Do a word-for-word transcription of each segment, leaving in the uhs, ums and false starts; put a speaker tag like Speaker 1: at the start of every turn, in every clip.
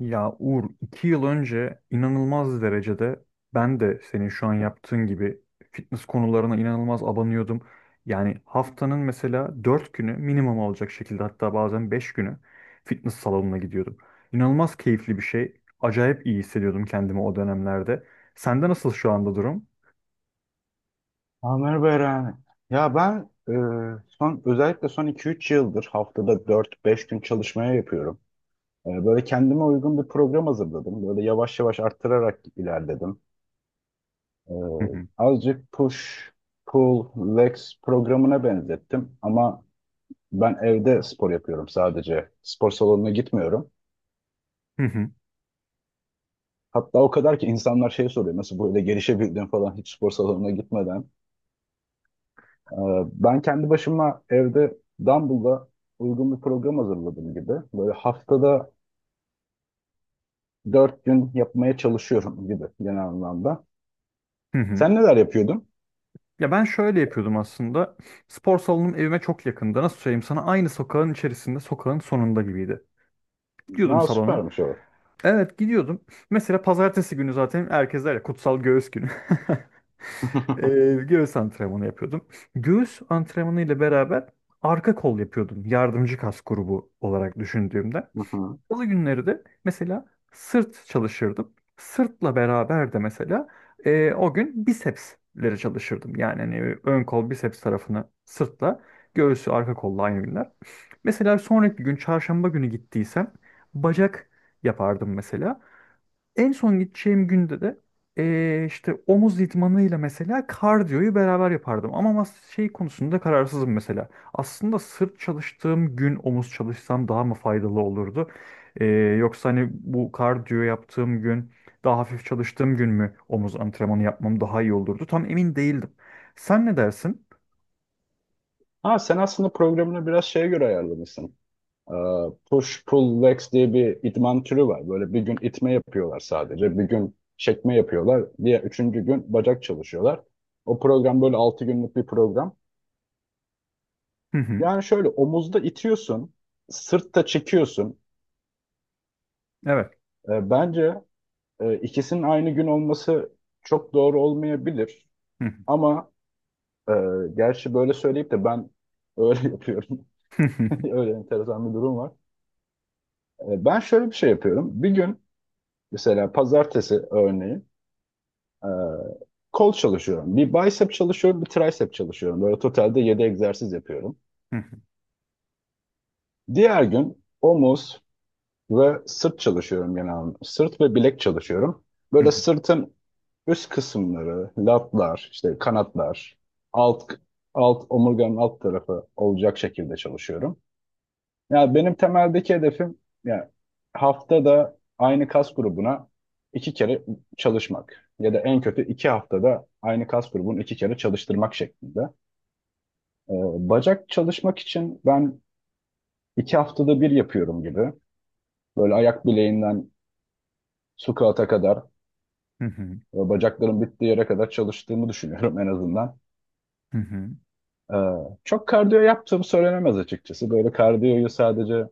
Speaker 1: Ya Uğur, iki yıl önce inanılmaz derecede ben de senin şu an yaptığın gibi fitness konularına inanılmaz abanıyordum. Yani haftanın mesela dört günü minimum olacak şekilde, hatta bazen beş günü fitness salonuna gidiyordum. İnanılmaz keyifli bir şey. Acayip iyi hissediyordum kendimi o dönemlerde. Sende nasıl şu anda durum?
Speaker 2: Ha, merhaba. Ya ben e, son, özellikle son iki üç yıldır, haftada dört beş gün çalışmaya yapıyorum. E, böyle kendime uygun bir program hazırladım. Böyle yavaş yavaş arttırarak ilerledim. E,
Speaker 1: Hı hı.
Speaker 2: Azıcık push, pull, legs programına benzettim. Ama ben evde spor yapıyorum sadece. Spor salonuna gitmiyorum.
Speaker 1: Hı hı.
Speaker 2: Hatta o kadar ki insanlar şey soruyor. Nasıl böyle gelişebildin falan hiç spor salonuna gitmeden. Ee, Ben kendi başıma evde Dumble'da uygun bir program hazırladım gibi. Böyle haftada dört gün yapmaya çalışıyorum gibi genel anlamda.
Speaker 1: Hı hı.
Speaker 2: Sen neler yapıyordun?
Speaker 1: Ya ben şöyle yapıyordum aslında. Spor salonum evime çok yakında. Nasıl söyleyeyim sana? Aynı sokağın içerisinde, sokağın sonunda gibiydi. Gidiyordum
Speaker 2: Ha,
Speaker 1: salona.
Speaker 2: süpermiş o.
Speaker 1: Evet, gidiyordum. Mesela pazartesi günü zaten herkes der ya, kutsal göğüs günü. Ee, göğüs antrenmanı yapıyordum. Göğüs antrenmanı ile beraber arka kol yapıyordum. Yardımcı kas grubu olarak düşündüğümde.
Speaker 2: Hı hı.
Speaker 1: Salı günleri de mesela sırt çalışırdım. Sırtla beraber de mesela e, o gün bisepsleri çalışırdım. Yani hani ön kol biceps tarafını sırtla, göğsü arka kolla aynı günler. Mesela sonraki gün çarşamba günü gittiysem bacak yapardım mesela. En son gideceğim günde de eee, işte omuz idmanıyla mesela kardiyoyu beraber yapardım. Ama mas- şey konusunda kararsızım mesela. Aslında sırt çalıştığım gün omuz çalışsam daha mı faydalı olurdu? Eee, Yoksa hani bu kardiyo yaptığım gün, daha hafif çalıştığım gün mü omuz antrenmanı yapmam daha iyi olurdu? Tam emin değildim. Sen ne dersin?
Speaker 2: Ha, sen aslında programını biraz şeye göre ayarlamışsın. Ee, Push pull legs diye bir idman türü var. Böyle bir gün itme yapıyorlar sadece. Bir gün çekme yapıyorlar. Diğer üçüncü gün bacak çalışıyorlar. O program böyle altı günlük bir program.
Speaker 1: Hı hı.
Speaker 2: Yani şöyle omuzda itiyorsun, sırtta çekiyorsun.
Speaker 1: Evet.
Speaker 2: E, bence e, ikisinin aynı gün olması çok doğru olmayabilir.
Speaker 1: Hı hı.
Speaker 2: Ama e, gerçi böyle söyleyip de ben öyle yapıyorum. Öyle enteresan bir durum var. E, ben şöyle bir şey yapıyorum. Bir gün, mesela pazartesi örneğin, e, kol çalışıyorum. Bir bicep çalışıyorum, bir tricep çalışıyorum. Böyle totalde yedi egzersiz yapıyorum.
Speaker 1: Hı hı.
Speaker 2: Diğer gün omuz ve sırt çalışıyorum genelde. Sırt ve bilek çalışıyorum.
Speaker 1: Hı
Speaker 2: Böyle
Speaker 1: hı.
Speaker 2: sırtın üst kısımları, latlar, işte kanatlar, alt alt omurganın alt tarafı olacak şekilde çalışıyorum. Yani benim temeldeki hedefim, yani haftada aynı kas grubuna iki kere çalışmak ya da en kötü iki haftada aynı kas grubunu iki kere çalıştırmak şeklinde. Ee, Bacak çalışmak için ben iki haftada bir yapıyorum gibi. Böyle ayak bileğinden squat'a kadar
Speaker 1: Hı hı.
Speaker 2: ve bacaklarım bittiği yere kadar çalıştığımı düşünüyorum en azından.
Speaker 1: Hı hı.
Speaker 2: Ee, Çok kardiyo yaptığım söylenemez açıkçası. Böyle kardiyoyu sadece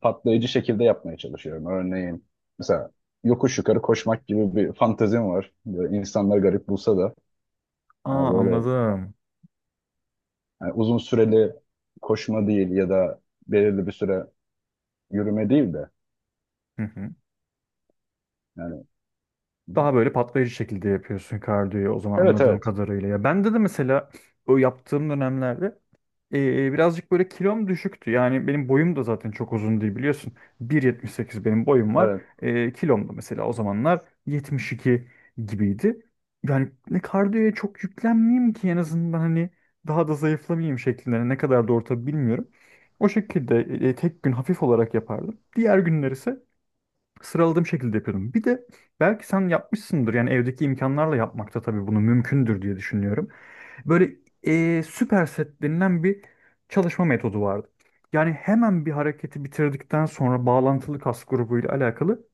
Speaker 2: patlayıcı şekilde yapmaya çalışıyorum. Örneğin mesela yokuş yukarı koşmak gibi bir fantezim var. Böyle insanlar garip bulsa da, hani
Speaker 1: Aa,
Speaker 2: böyle,
Speaker 1: anladım.
Speaker 2: hani uzun süreli koşma değil ya da belirli bir süre yürüme değil de
Speaker 1: Hı hı.
Speaker 2: yani
Speaker 1: Daha böyle patlayıcı şekilde yapıyorsun kardiyoyu o zaman,
Speaker 2: evet,
Speaker 1: anladığım
Speaker 2: evet,
Speaker 1: kadarıyla. Ya ben de de mesela o yaptığım dönemlerde eee, birazcık böyle kilom düşüktü. Yani benim boyum da zaten çok uzun değil, biliyorsun. bir yetmiş sekiz benim boyum var.
Speaker 2: evet.
Speaker 1: Eee kilom da mesela o zamanlar yetmiş iki gibiydi. Yani ne kardiyoya çok yüklenmeyeyim ki en azından, hani daha da zayıflamayayım şeklinde. Ne kadar doğru tabii bilmiyorum. O şekilde eee, tek gün hafif olarak yapardım. Diğer günler ise sıraladığım şekilde yapıyordum. Bir de belki sen yapmışsındır, yani evdeki imkanlarla yapmakta tabii bunu mümkündür diye düşünüyorum. Böyle eee süper set denilen bir çalışma metodu vardı. Yani hemen bir hareketi bitirdikten sonra bağlantılı kas grubuyla alakalı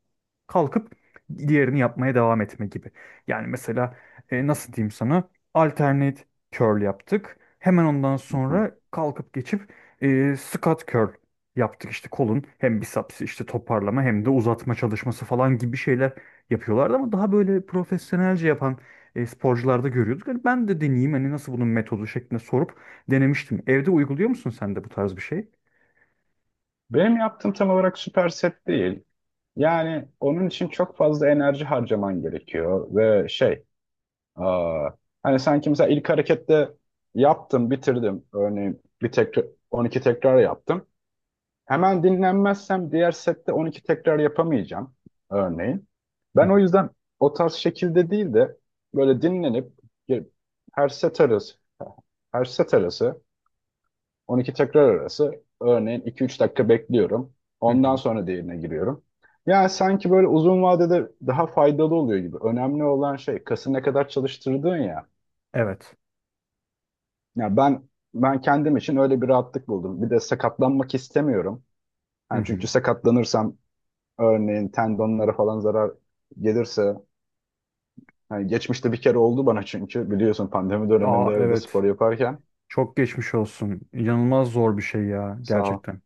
Speaker 1: kalkıp diğerini yapmaya devam etme gibi. Yani mesela e, nasıl diyeyim sana? Alternate curl yaptık. Hemen ondan
Speaker 2: Hı hı.
Speaker 1: sonra kalkıp geçip e, squat curl yaptık. İşte kolun hem biceps işte toparlama hem de uzatma çalışması falan gibi şeyler yapıyorlardı ama daha böyle profesyonelce yapan e, sporcularda görüyorduk. Hani ben de deneyeyim, hani nasıl bunun metodu şeklinde sorup denemiştim. Evde uyguluyor musun sen de bu tarz bir şey?
Speaker 2: Benim yaptığım tam olarak süper set değil. Yani onun için çok fazla enerji harcaman gerekiyor ve şey, Aa, hani sanki mesela ilk harekette yaptım, bitirdim. Örneğin bir tekrar on iki tekrar yaptım. Hemen dinlenmezsem diğer sette on iki tekrar yapamayacağım örneğin.
Speaker 1: Hı
Speaker 2: Ben o
Speaker 1: hı.
Speaker 2: yüzden o tarz şekilde değil de böyle dinlenip ge- her set arası her set arası on iki tekrar arası örneğin iki üç dakika bekliyorum.
Speaker 1: Hı
Speaker 2: Ondan
Speaker 1: hı.
Speaker 2: sonra diğerine giriyorum. Yani sanki böyle uzun vadede daha faydalı oluyor gibi. Önemli olan şey, kası ne kadar çalıştırdığın ya.
Speaker 1: Evet.
Speaker 2: Ya ben ben kendim için öyle bir rahatlık buldum. Bir de sakatlanmak istemiyorum.
Speaker 1: Hı
Speaker 2: Yani
Speaker 1: hı.
Speaker 2: çünkü sakatlanırsam, örneğin tendonlara falan zarar gelirse, hani geçmişte bir kere oldu bana çünkü biliyorsun pandemi
Speaker 1: Aa,
Speaker 2: döneminde evde
Speaker 1: evet.
Speaker 2: spor yaparken.
Speaker 1: Çok geçmiş olsun. İnanılmaz zor bir şey ya,
Speaker 2: Sağ ol.
Speaker 1: gerçekten.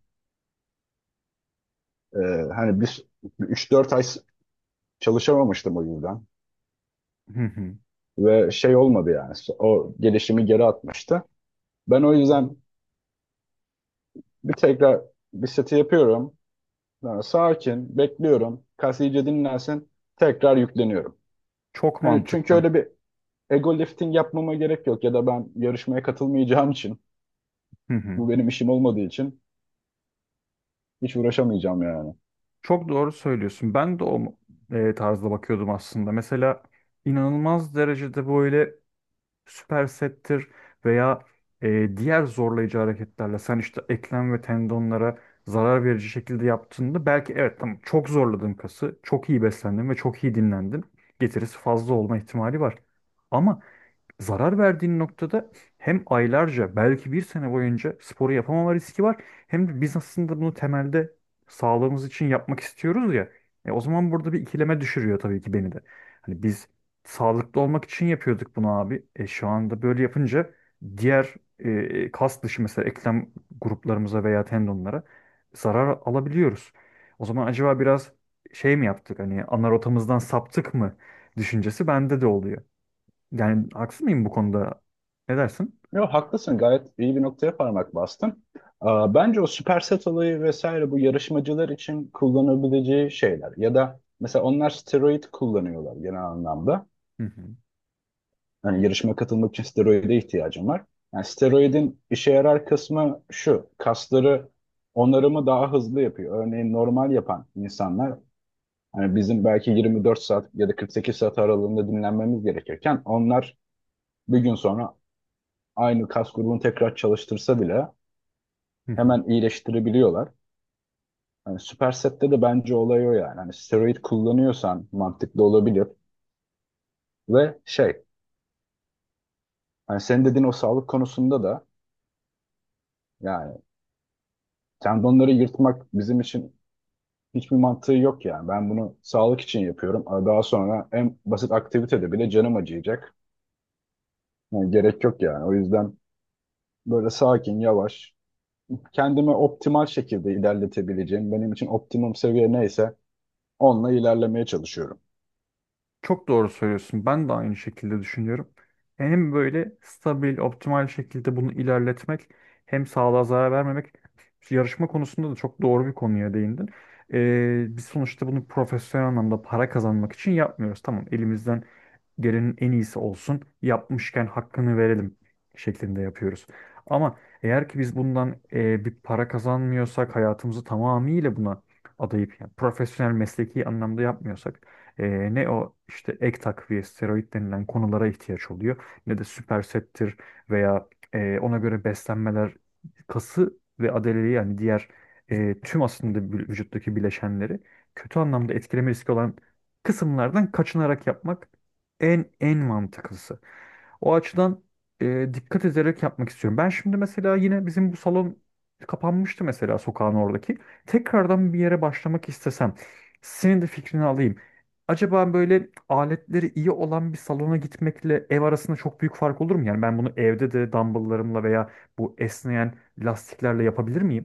Speaker 2: Ee, Hani bir üç dört ay s- çalışamamıştım o yüzden
Speaker 1: Hı hı.
Speaker 2: ve şey olmadı yani, o gelişimi geri atmıştı. Ben o yüzden bir tekrar bir seti yapıyorum. Sonra sakin bekliyorum. Kas iyice dinlensin. Tekrar yükleniyorum.
Speaker 1: Çok
Speaker 2: Hani çünkü
Speaker 1: mantıklı.
Speaker 2: öyle bir ego lifting yapmama gerek yok ya da ben yarışmaya katılmayacağım için,
Speaker 1: Hı hı.
Speaker 2: bu benim işim olmadığı için hiç uğraşamayacağım yani.
Speaker 1: Çok doğru söylüyorsun. Ben de o e, tarzda bakıyordum aslında. Mesela inanılmaz derecede böyle süpersettir veya e, diğer zorlayıcı hareketlerle sen işte eklem ve tendonlara zarar verici şekilde yaptığında, belki evet, tamam, çok zorladın kası, çok iyi beslendin ve çok iyi dinlendin. Getirisi fazla olma ihtimali var. Ama zarar verdiğin noktada hem aylarca, belki bir sene boyunca sporu yapamama riski var, hem de biz aslında bunu temelde sağlığımız için yapmak istiyoruz ya. E, o zaman burada bir ikileme düşürüyor tabii ki beni de. Hani biz sağlıklı olmak için yapıyorduk bunu abi. E, şu anda böyle yapınca diğer e, kas dışı mesela eklem gruplarımıza veya tendonlara zarar alabiliyoruz. O zaman acaba biraz şey mi yaptık, hani ana rotamızdan saptık mı düşüncesi bende de oluyor. Yani haksız mıyım bu konuda? Ne dersin?
Speaker 2: Yok, haklısın, gayet iyi bir noktaya parmak bastın. Aa, bence o superset olayı vesaire bu yarışmacılar için kullanabileceği şeyler ya da mesela onlar steroid kullanıyorlar genel anlamda.
Speaker 1: Hı hı.
Speaker 2: Yani yarışmaya katılmak için steroide ihtiyacım var. Yani steroidin işe yarar kısmı şu, kasları onarımı daha hızlı yapıyor. Örneğin normal yapan insanlar, hani bizim belki yirmi dört saat ya da kırk sekiz saat aralığında dinlenmemiz gerekirken, onlar bir gün sonra aynı kas grubunu tekrar çalıştırsa bile
Speaker 1: Hı hı.
Speaker 2: hemen iyileştirebiliyorlar. Hani Superset'te de bence olay o yani. Hani steroid kullanıyorsan mantıklı olabilir ve şey, hani senin dediğin o sağlık konusunda da, yani tendonları yırtmak bizim için hiçbir mantığı yok yani. Ben bunu sağlık için yapıyorum. Ama daha sonra en basit aktivitede bile canım acıyacak. Yani gerek yok yani. O yüzden böyle sakin, yavaş kendimi optimal şekilde ilerletebileceğim, benim için optimum seviye neyse onunla ilerlemeye çalışıyorum.
Speaker 1: Çok doğru söylüyorsun. Ben de aynı şekilde düşünüyorum. Hem böyle stabil, optimal şekilde bunu ilerletmek, hem sağlığa zarar vermemek. Yarışma konusunda da çok doğru bir konuya değindin. Ee, biz sonuçta bunu profesyonel anlamda para kazanmak için yapmıyoruz. Tamam, elimizden gelenin en iyisi olsun, yapmışken hakkını verelim şeklinde yapıyoruz. Ama eğer ki biz bundan e, bir para kazanmıyorsak, hayatımızı tamamıyla buna adayıp, yani profesyonel mesleki anlamda yapmıyorsak, e, ne o işte ek takviye, steroid denilen konulara ihtiyaç oluyor, ne de süpersettir veya e, ona göre beslenmeler kası ve adaleliği, yani diğer e, tüm aslında vü- vücuttaki bileşenleri kötü anlamda etkileme riski olan kısımlardan kaçınarak yapmak en en mantıklısı. O açıdan e, dikkat ederek yapmak istiyorum. Ben şimdi mesela yine bizim bu salon kapanmıştı mesela, sokağın oradaki. Tekrardan bir yere başlamak istesem senin de fikrini alayım. Acaba böyle aletleri iyi olan bir salona gitmekle ev arasında çok büyük fark olur mu? Yani ben bunu evde de dumbbelllarımla veya bu esneyen lastiklerle yapabilir miyim?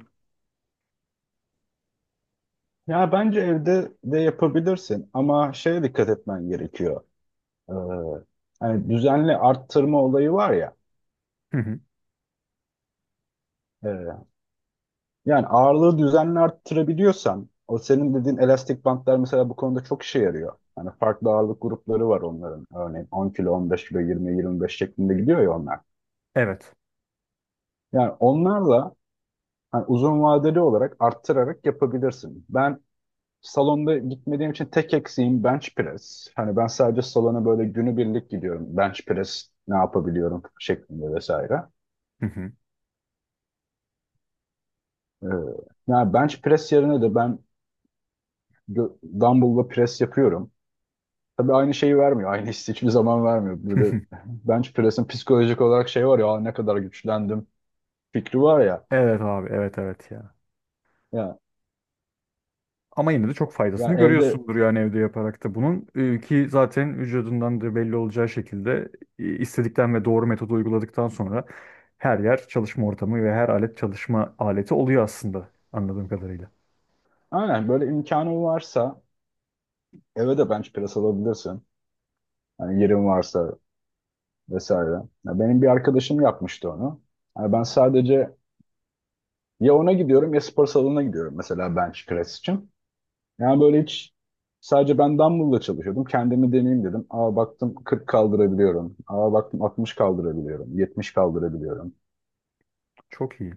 Speaker 2: Ya bence evde de yapabilirsin ama şeye dikkat etmen gerekiyor. Ee, Hani düzenli arttırma olayı var ya.
Speaker 1: Hı hı.
Speaker 2: e, Yani ağırlığı düzenli arttırabiliyorsan, o senin dediğin elastik bantlar mesela bu konuda çok işe yarıyor. Hani farklı ağırlık grupları var onların. Örneğin on kilo, on beş kilo, yirmi, yirmi beş şeklinde gidiyor ya onlar.
Speaker 1: Evet.
Speaker 2: Yani onlarla hani uzun vadeli olarak arttırarak yapabilirsin. Ben salonda gitmediğim için tek eksiğim bench press. Hani ben sadece salona böyle günübirlik gidiyorum. Bench press ne yapabiliyorum şeklinde vesaire.
Speaker 1: Hı hı.
Speaker 2: Ee, Yani bench press yerine de ben gö- dumbbell'la press yapıyorum. Tabii aynı şeyi vermiyor. Aynı hissi hiçbir zaman vermiyor. Bir
Speaker 1: Hı
Speaker 2: de
Speaker 1: hı.
Speaker 2: bench press'in psikolojik olarak şey var ya, "Aa, ne kadar güçlendim" fikri var ya.
Speaker 1: Evet abi, evet, evet ya.
Speaker 2: Ya,
Speaker 1: Ama yine de çok
Speaker 2: Ya
Speaker 1: faydasını
Speaker 2: evde,
Speaker 1: görüyorsundur yani, evde yaparak da bunun. Ee, ki zaten vücudundan da belli olacağı şekilde e, istedikten ve doğru metodu uyguladıktan sonra her yer çalışma ortamı ve her alet çalışma aleti oluyor aslında, anladığım kadarıyla.
Speaker 2: aynen, böyle imkanın varsa eve de bench press alabilirsin. Yani yerin varsa vesaire. Ya benim bir arkadaşım yapmıştı onu. Yani ben sadece ya ona gidiyorum ya spor salonuna gidiyorum mesela bench press için. Yani böyle hiç, sadece ben dumbbell'la çalışıyordum. Kendimi deneyeyim dedim. Aa, baktım kırk kaldırabiliyorum. Aa, baktım altmış kaldırabiliyorum. yetmiş kaldırabiliyorum.
Speaker 1: Çok iyi.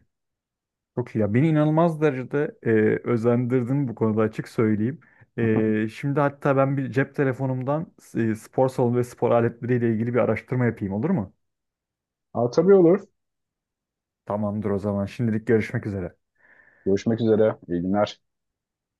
Speaker 1: Çok iyi ya. Beni inanılmaz derecede e, özendirdin bu konuda, açık söyleyeyim. E, şimdi hatta ben bir cep telefonumdan e, spor salonu ve spor aletleriyle ilgili bir araştırma yapayım, olur mu?
Speaker 2: Aa, tabii olur.
Speaker 1: Tamamdır o zaman. Şimdilik görüşmek üzere.
Speaker 2: Görüşmek üzere. İyi günler.